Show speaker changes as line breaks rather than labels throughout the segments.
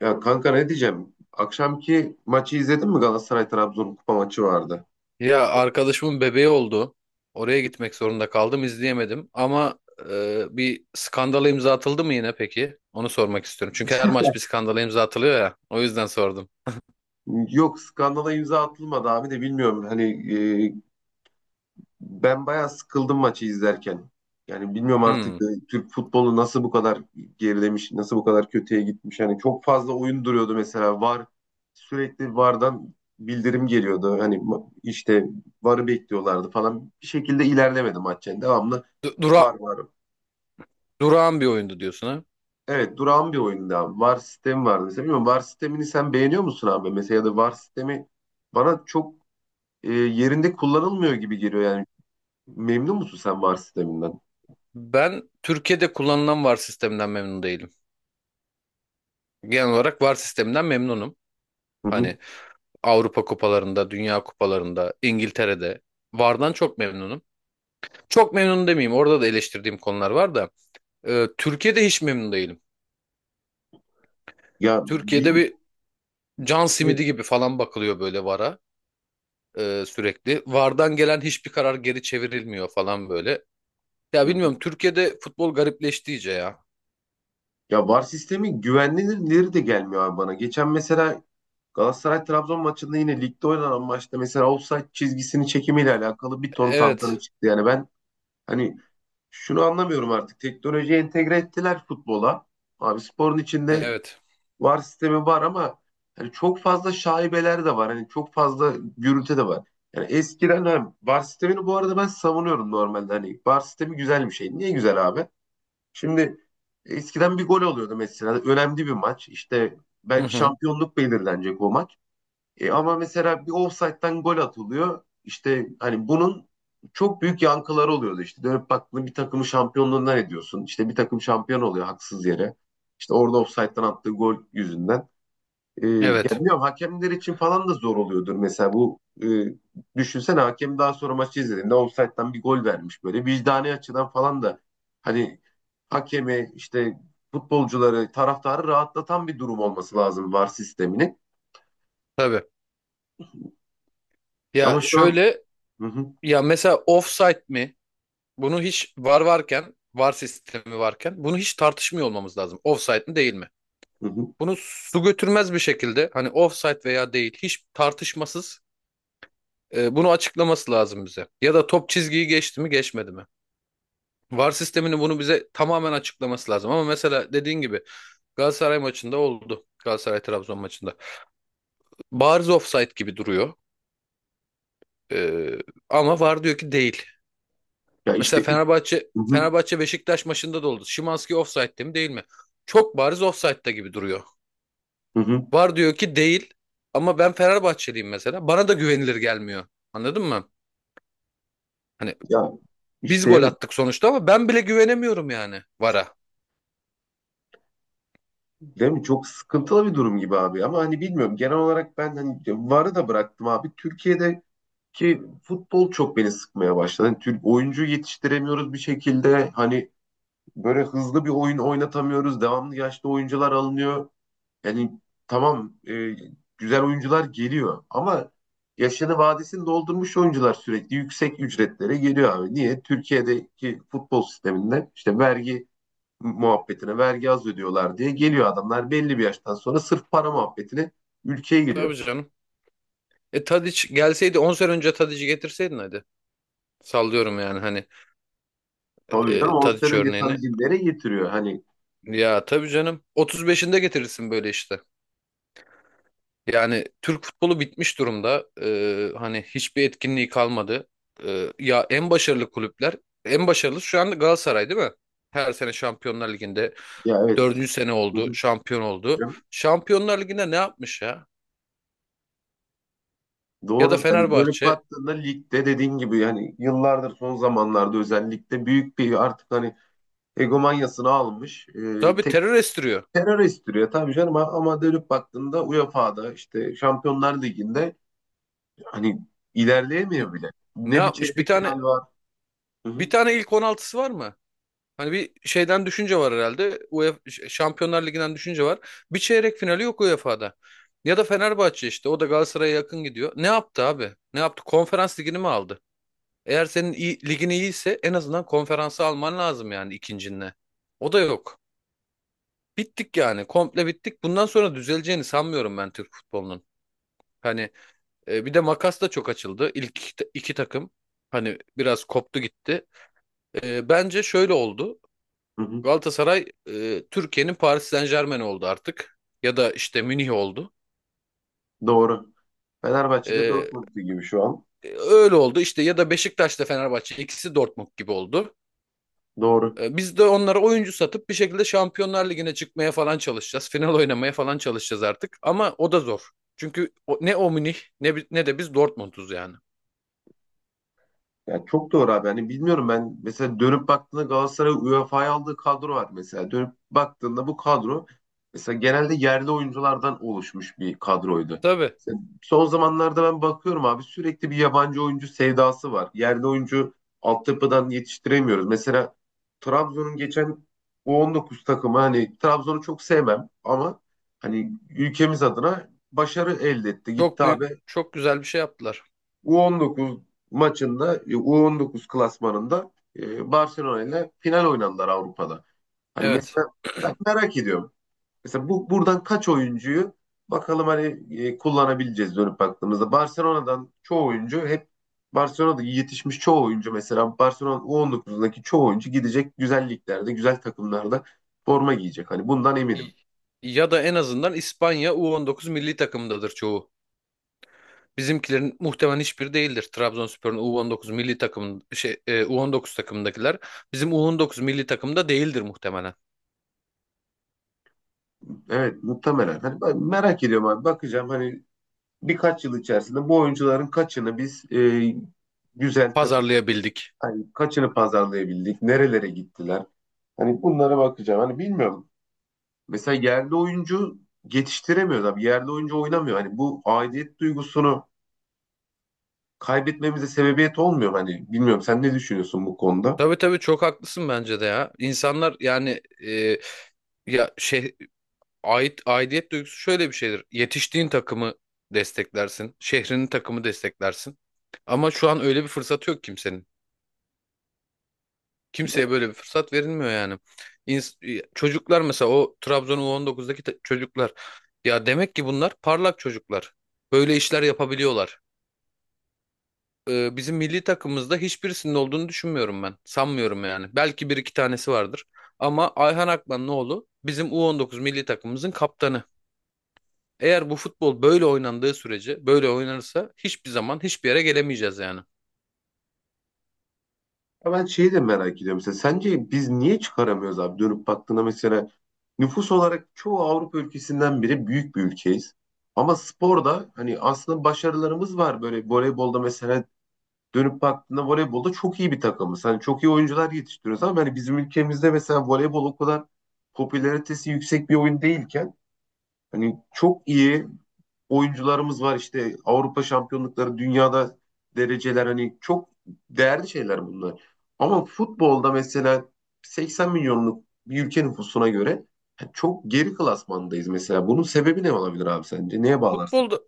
Ya kanka, ne diyeceğim? Akşamki maçı izledin mi? Galatasaray Trabzon kupa maçı vardı.
Ya arkadaşımın bebeği oldu. Oraya gitmek zorunda kaldım, izleyemedim. Ama bir skandala imza atıldı mı yine peki? Onu sormak istiyorum. Çünkü her maç bir skandala imza atılıyor ya. O yüzden sordum.
Yok, skandala imza atılmadı abi de bilmiyorum. Hani e, ben bayağı sıkıldım maçı izlerken. Yani bilmiyorum artık,
Hmm.
Türk futbolu nasıl bu kadar gerilemiş, nasıl bu kadar kötüye gitmiş. Yani çok fazla oyun duruyordu mesela. VAR, sürekli VAR'dan bildirim geliyordu. Hani işte VAR'ı bekliyorlardı falan. Bir şekilde ilerlemedi maç yani. Devamlı
Du- Dura
VAR var.
durağan bir oyundu diyorsun ha?
Evet, durağan bir oyunda abi. VAR sistemi vardı. Mesela bilmiyorum, VAR sistemini sen beğeniyor musun abi? Mesela ya da VAR sistemi bana çok yerinde kullanılmıyor gibi geliyor yani. Memnun musun sen VAR sisteminden?
Ben Türkiye'de kullanılan VAR sisteminden memnun değilim. Genel olarak VAR sisteminden memnunum.
Hı hı.
Hani Avrupa kupalarında, Dünya kupalarında, İngiltere'de VAR'dan çok memnunum. Çok memnun demeyeyim. Orada da eleştirdiğim konular var da. Türkiye'de hiç memnun değilim.
Ya,
Türkiye'de bir can
evet.
simidi gibi falan bakılıyor böyle VAR'a sürekli. VAR'dan gelen hiçbir karar geri çevrilmiyor falan böyle. Ya
Hı hı.
bilmiyorum Türkiye'de futbol garipleşti iyice ya.
Ya, VAR sistemi güvenilirleri de gelmiyor abi bana. Geçen mesela Galatasaray Trabzon maçında, yine ligde oynanan maçta mesela offside çizgisini çekimiyle alakalı bir ton tantana
Evet,
çıktı. Yani ben hani şunu anlamıyorum artık. Teknolojiyi entegre ettiler futbola. Abi sporun içinde
evet.
VAR sistemi var, ama hani çok fazla şaibeler de var. Hani çok fazla gürültü de var. Yani eskiden, hani VAR sistemini bu arada ben savunuyorum normalde. Hani VAR sistemi güzel bir şey. Niye güzel abi? Şimdi eskiden bir gol oluyordu mesela. Önemli bir maç. İşte
Hı
belki
hı.
şampiyonluk belirlenecek o maç. E ama mesela bir ofsayttan gol atılıyor. İşte hani bunun çok büyük yankıları oluyordu. İşte dönüp baktığında bir takımı şampiyonluğundan ediyorsun. İşte bir takım şampiyon oluyor haksız yere. İşte orada ofsayttan attığı gol yüzünden. E, ya
Evet,
bilmiyorum, hakemler için falan da zor oluyordur mesela bu, düşünsene hakem daha sonra maçı izlediğinde ofsayttan bir gol vermiş, böyle vicdani açıdan falan da, hani, hakemi işte, futbolcuları, taraftarı rahatlatan bir durum olması lazım VAR sisteminin,
tabii. Ya
ama şu an,
şöyle
hı hı,
ya mesela offside mi? Bunu hiç VAR varken, VAR sistemi varken bunu hiç tartışmıyor olmamız lazım. Offside mi değil mi?
hı hı.
Bunu su götürmez bir şekilde hani offside veya değil hiç tartışmasız bunu açıklaması lazım bize. Ya da top çizgiyi geçti mi geçmedi mi? VAR sisteminin bunu bize tamamen açıklaması lazım. Ama mesela dediğin gibi Galatasaray maçında oldu. Galatasaray-Trabzon maçında. Bariz offside gibi duruyor. E, ama VAR diyor ki değil.
Ya
Mesela
işte
Fenerbahçe
hı hı,
Fenerbahçe Beşiktaş maçında da oldu. Szymański offside'de mi değil mi? Çok bariz offside'da gibi duruyor.
hı hı.
VAR diyor ki değil. Ama ben Fenerbahçeliyim mesela. Bana da güvenilir gelmiyor. Anladın mı? Hani
Ya
biz
işte
gol
evet,
attık sonuçta ama ben bile güvenemiyorum yani VAR'a.
değil mi, çok sıkıntılı bir durum gibi abi ama hani bilmiyorum, genel olarak ben hani VAR'ı da bıraktım abi Türkiye'de. Ki futbol çok beni sıkmaya başladı. Hani Türk oyuncu yetiştiremiyoruz bir şekilde. Hani böyle hızlı bir oyun oynatamıyoruz. Devamlı yaşlı oyuncular alınıyor. Yani tamam, güzel oyuncular geliyor ama yaşını vadesini doldurmuş oyuncular sürekli yüksek ücretlere geliyor abi. Niye? Türkiye'deki futbol sisteminde, işte vergi muhabbetine, vergi az ödüyorlar diye geliyor adamlar belli bir yaştan sonra, sırf para muhabbetine ülkeye
Tabii
giriyor.
canım. Tadic gelseydi 10 sene önce Tadic'i getirseydin hadi. Sallıyorum yani hani
Tabii canım, 10 sene
Tadic
önce
örneğini.
Tanrı getiriyor. Hani,
Ya tabii canım. 35'inde getirirsin böyle işte. Yani Türk futbolu bitmiş durumda. Hani hiçbir etkinliği kalmadı. Ya en başarılı kulüpler, en başarılı şu anda Galatasaray değil mi? Her sene Şampiyonlar Ligi'nde
ya, evet.
dördüncü sene oldu,
Hocam,
şampiyon oldu. Şampiyonlar Ligi'nde ne yapmış ya? Ya da
doğru. Hani dönüp
Fenerbahçe.
baktığında ligde dediğin gibi, yani yıllardır, son zamanlarda özellikle, büyük bir artık hani egomanyasını almış,
Tabii
tek
terör estiriyor.
terör estiriyor tabii canım, ama dönüp baktığında UEFA'da, işte Şampiyonlar Ligi'nde hani
N-
ilerleyemiyor bile.
Ne
Ne bir
yapmış? Bir
çeyrek
tane
final var. Hı hı,
bir tane ilk 16'sı var mı? Hani bir şeyden düşünce var herhalde. UEFA Şampiyonlar Ligi'nden düşünce var. Bir çeyrek finali yok UEFA'da. Ya da Fenerbahçe işte. O da Galatasaray'a yakın gidiyor. Ne yaptı abi? Ne yaptı? Konferans ligini mi aldı? Eğer senin iyi, ligin iyiyse en azından konferansı alman lazım yani ikincinle. O da yok. Bittik yani. Komple bittik. Bundan sonra düzeleceğini sanmıyorum ben Türk futbolunun. Hani bir de makas da çok açıldı. İlk iki takım. Hani biraz koptu gitti. Bence şöyle oldu.
hı hı.
Galatasaray Türkiye'nin Paris Saint-Germain oldu artık. Ya da işte Münih oldu.
Doğru. Fenerbahçe'de
E,
Dortmund'u gibi şu an.
öyle oldu işte ya da Beşiktaş'ta Fenerbahçe ikisi Dortmund gibi oldu.
Doğru.
Biz de onlara oyuncu satıp bir şekilde Şampiyonlar Ligi'ne çıkmaya falan çalışacağız. Final oynamaya falan çalışacağız artık ama o da zor. Çünkü ne o Münih ne, ne de biz Dortmund'uz yani.
Ya çok doğru abi. Hani bilmiyorum, ben mesela dönüp baktığında, Galatasaray UEFA'ya aldığı kadro var mesela. Dönüp baktığında bu kadro mesela genelde yerli oyunculardan oluşmuş bir kadroydu.
Tabii
Mesela son zamanlarda ben bakıyorum abi, sürekli bir yabancı oyuncu sevdası var. Yerli oyuncu altyapıdan yetiştiremiyoruz. Mesela Trabzon'un geçen U19 takımı, hani Trabzon'u çok sevmem ama hani ülkemiz adına başarı elde etti. Gitti
çok büyük
abi,
çok güzel bir şey yaptılar.
U19 maçında, U19 klasmanında, Barcelona ile final oynadılar Avrupa'da. Hani
Evet.
mesela ben merak ediyorum. Mesela bu buradan kaç oyuncuyu bakalım hani, kullanabileceğiz dönüp baktığımızda. Barcelona'dan çoğu oyuncu hep Barcelona'da yetişmiş çoğu oyuncu, mesela Barcelona U19'daki çoğu oyuncu, gidecek güzel liglerde, güzel takımlarda forma giyecek. Hani bundan eminim.
Y- Ya da en azından İspanya U19 milli takımındadır çoğu. Bizimkilerin muhtemelen hiçbiri değildir. Trabzonspor'un U19 milli takım U19 takımındakiler bizim U19 milli takımda değildir muhtemelen.
Evet, muhtemelen. Hani ben merak ediyorum abi. Bakacağım hani birkaç yıl içerisinde bu oyuncuların kaçını biz, güzel takım,
Pazarlayabildik.
hani kaçını pazarlayabildik, nerelere gittiler. Hani bunlara bakacağım. Hani bilmiyorum. Mesela yerli oyuncu yetiştiremiyoruz abi. Yerli oyuncu oynamıyor. Hani bu aidiyet duygusunu kaybetmemize sebebiyet olmuyor. Hani bilmiyorum, sen ne düşünüyorsun bu konuda?
Tabii tabii çok haklısın bence de ya. İnsanlar yani e, ya şey ait aidiyet duygusu şöyle bir şeydir. Yetiştiğin takımı desteklersin, şehrinin takımı desteklersin. Ama şu an öyle bir fırsatı yok kimsenin. Kimseye böyle bir fırsat verilmiyor yani. Çocuklar mesela o Trabzon U19'daki çocuklar ya demek ki bunlar parlak çocuklar. Böyle işler yapabiliyorlar. Bizim milli takımımızda hiçbirisinin olduğunu düşünmüyorum ben. Sanmıyorum yani. Belki bir iki tanesi vardır. Ama Ayhan Akmanlıoğlu bizim U19 milli takımımızın kaptanı. Eğer bu futbol böyle oynandığı sürece, böyle oynanırsa hiçbir zaman hiçbir yere gelemeyeceğiz yani.
Ya ben şeyi de merak ediyorum mesela. Sence biz niye çıkaramıyoruz abi? Dönüp baktığında mesela, nüfus olarak çoğu Avrupa ülkesinden biri, büyük bir ülkeyiz. Ama sporda hani aslında başarılarımız var. Böyle voleybolda mesela, dönüp baktığında voleybolda çok iyi bir takımız. Hani çok iyi oyuncular yetiştiriyoruz ama hani bizim ülkemizde mesela voleybol o kadar popülaritesi yüksek bir oyun değilken, hani çok iyi oyuncularımız var, işte Avrupa şampiyonlukları, dünyada dereceler, hani çok değerli şeyler bunlar. Ama futbolda mesela, 80 milyonluk bir ülke nüfusuna göre çok geri klasmandayız mesela. Bunun sebebi ne olabilir abi sence? Neye bağlarsın?
Futbolda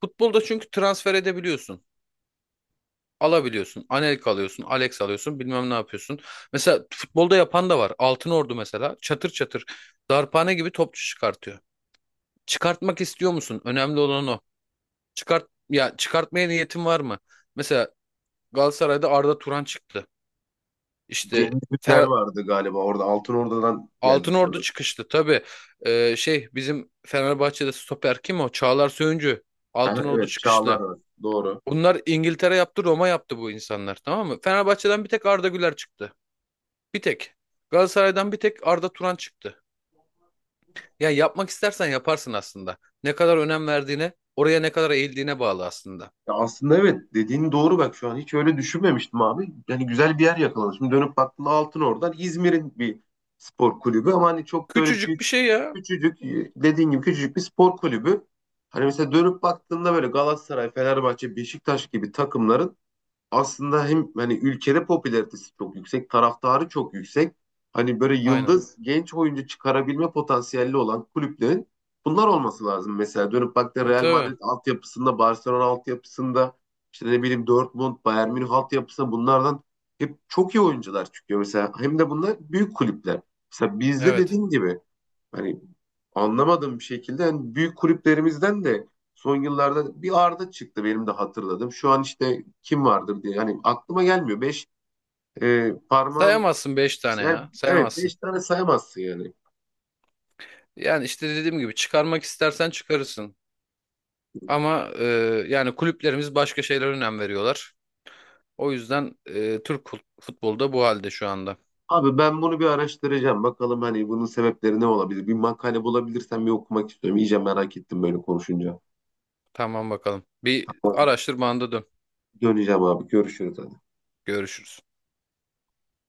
futbolda çünkü transfer edebiliyorsun. Alabiliyorsun. Anelka alıyorsun, Alex alıyorsun, bilmem ne yapıyorsun. Mesela futbolda yapan da var. Altınordu mesela çatır çatır darphane gibi topçu çıkartıyor. Çıkartmak istiyor musun? Önemli olan o. Çıkart ya çıkartmaya niyetin var mı? Mesela Galatasaray'da Arda Turan çıktı. İşte
Cengiz Ünder
Fener,
vardı galiba orada. Altın Ordu'dan geldi
Altınordu
sanırım.
çıkıştı tabii. Bizim Fenerbahçe'de stoper kim o? Çağlar Söyüncü.
Aha,
Altınordu
evet, Çağlar
çıkışlı.
var. Doğru.
Bunlar İngiltere yaptı, Roma yaptı bu insanlar, tamam mı? Fenerbahçe'den bir tek Arda Güler çıktı. Bir tek. Galatasaray'dan bir tek Arda Turan çıktı. Ya yapmak istersen yaparsın aslında. Ne kadar önem verdiğine, oraya ne kadar eğildiğine bağlı aslında.
Ya aslında evet, dediğin doğru, bak şu an hiç öyle düşünmemiştim abi. Yani güzel bir yer yakaladım. Şimdi dönüp baktığında altın oradan İzmir'in bir spor kulübü, ama hani çok da öyle
Küçücük bir
büyük,
şey ya.
küçücük, dediğin gibi küçücük bir spor kulübü. Hani mesela dönüp baktığında böyle Galatasaray, Fenerbahçe, Beşiktaş gibi takımların aslında hem hani ülkede popülaritesi çok yüksek, taraftarı çok yüksek. Hani böyle
Aynen.
yıldız genç oyuncu çıkarabilme potansiyelli olan kulüplerin bunlar olması lazım. Mesela dönüp baktığında
E,
Real
Tabii.
Madrid altyapısında, Barcelona altyapısında, işte ne bileyim Dortmund, Bayern Münih altyapısında, bunlardan hep çok iyi oyuncular çıkıyor. Mesela hem de bunlar büyük kulüpler. Mesela bizde
Evet.
dediğim gibi, hani, anlamadığım bir şekilde hani büyük kulüplerimizden de son yıllarda bir Arda çıktı, benim de hatırladım. Şu an işte kim vardır diye hani aklıma gelmiyor. Beş, parmağın
Sayamazsın 5 tane
sen,
ya.
evet
Sayamazsın.
beş tane sayamazsın yani.
Yani işte dediğim gibi çıkarmak istersen çıkarırsın. Ama yani kulüplerimiz başka şeylere önem veriyorlar. O yüzden Türk futbolu da bu halde şu anda.
Abi ben bunu bir araştıracağım. Bakalım hani bunun sebepleri ne olabilir? Bir makale bulabilirsem bir okumak istiyorum. İyice merak ettim böyle konuşunca.
Tamam bakalım. Bir araştırmanda dön.
Döneceğim abi. Görüşürüz. Hadi.
Görüşürüz.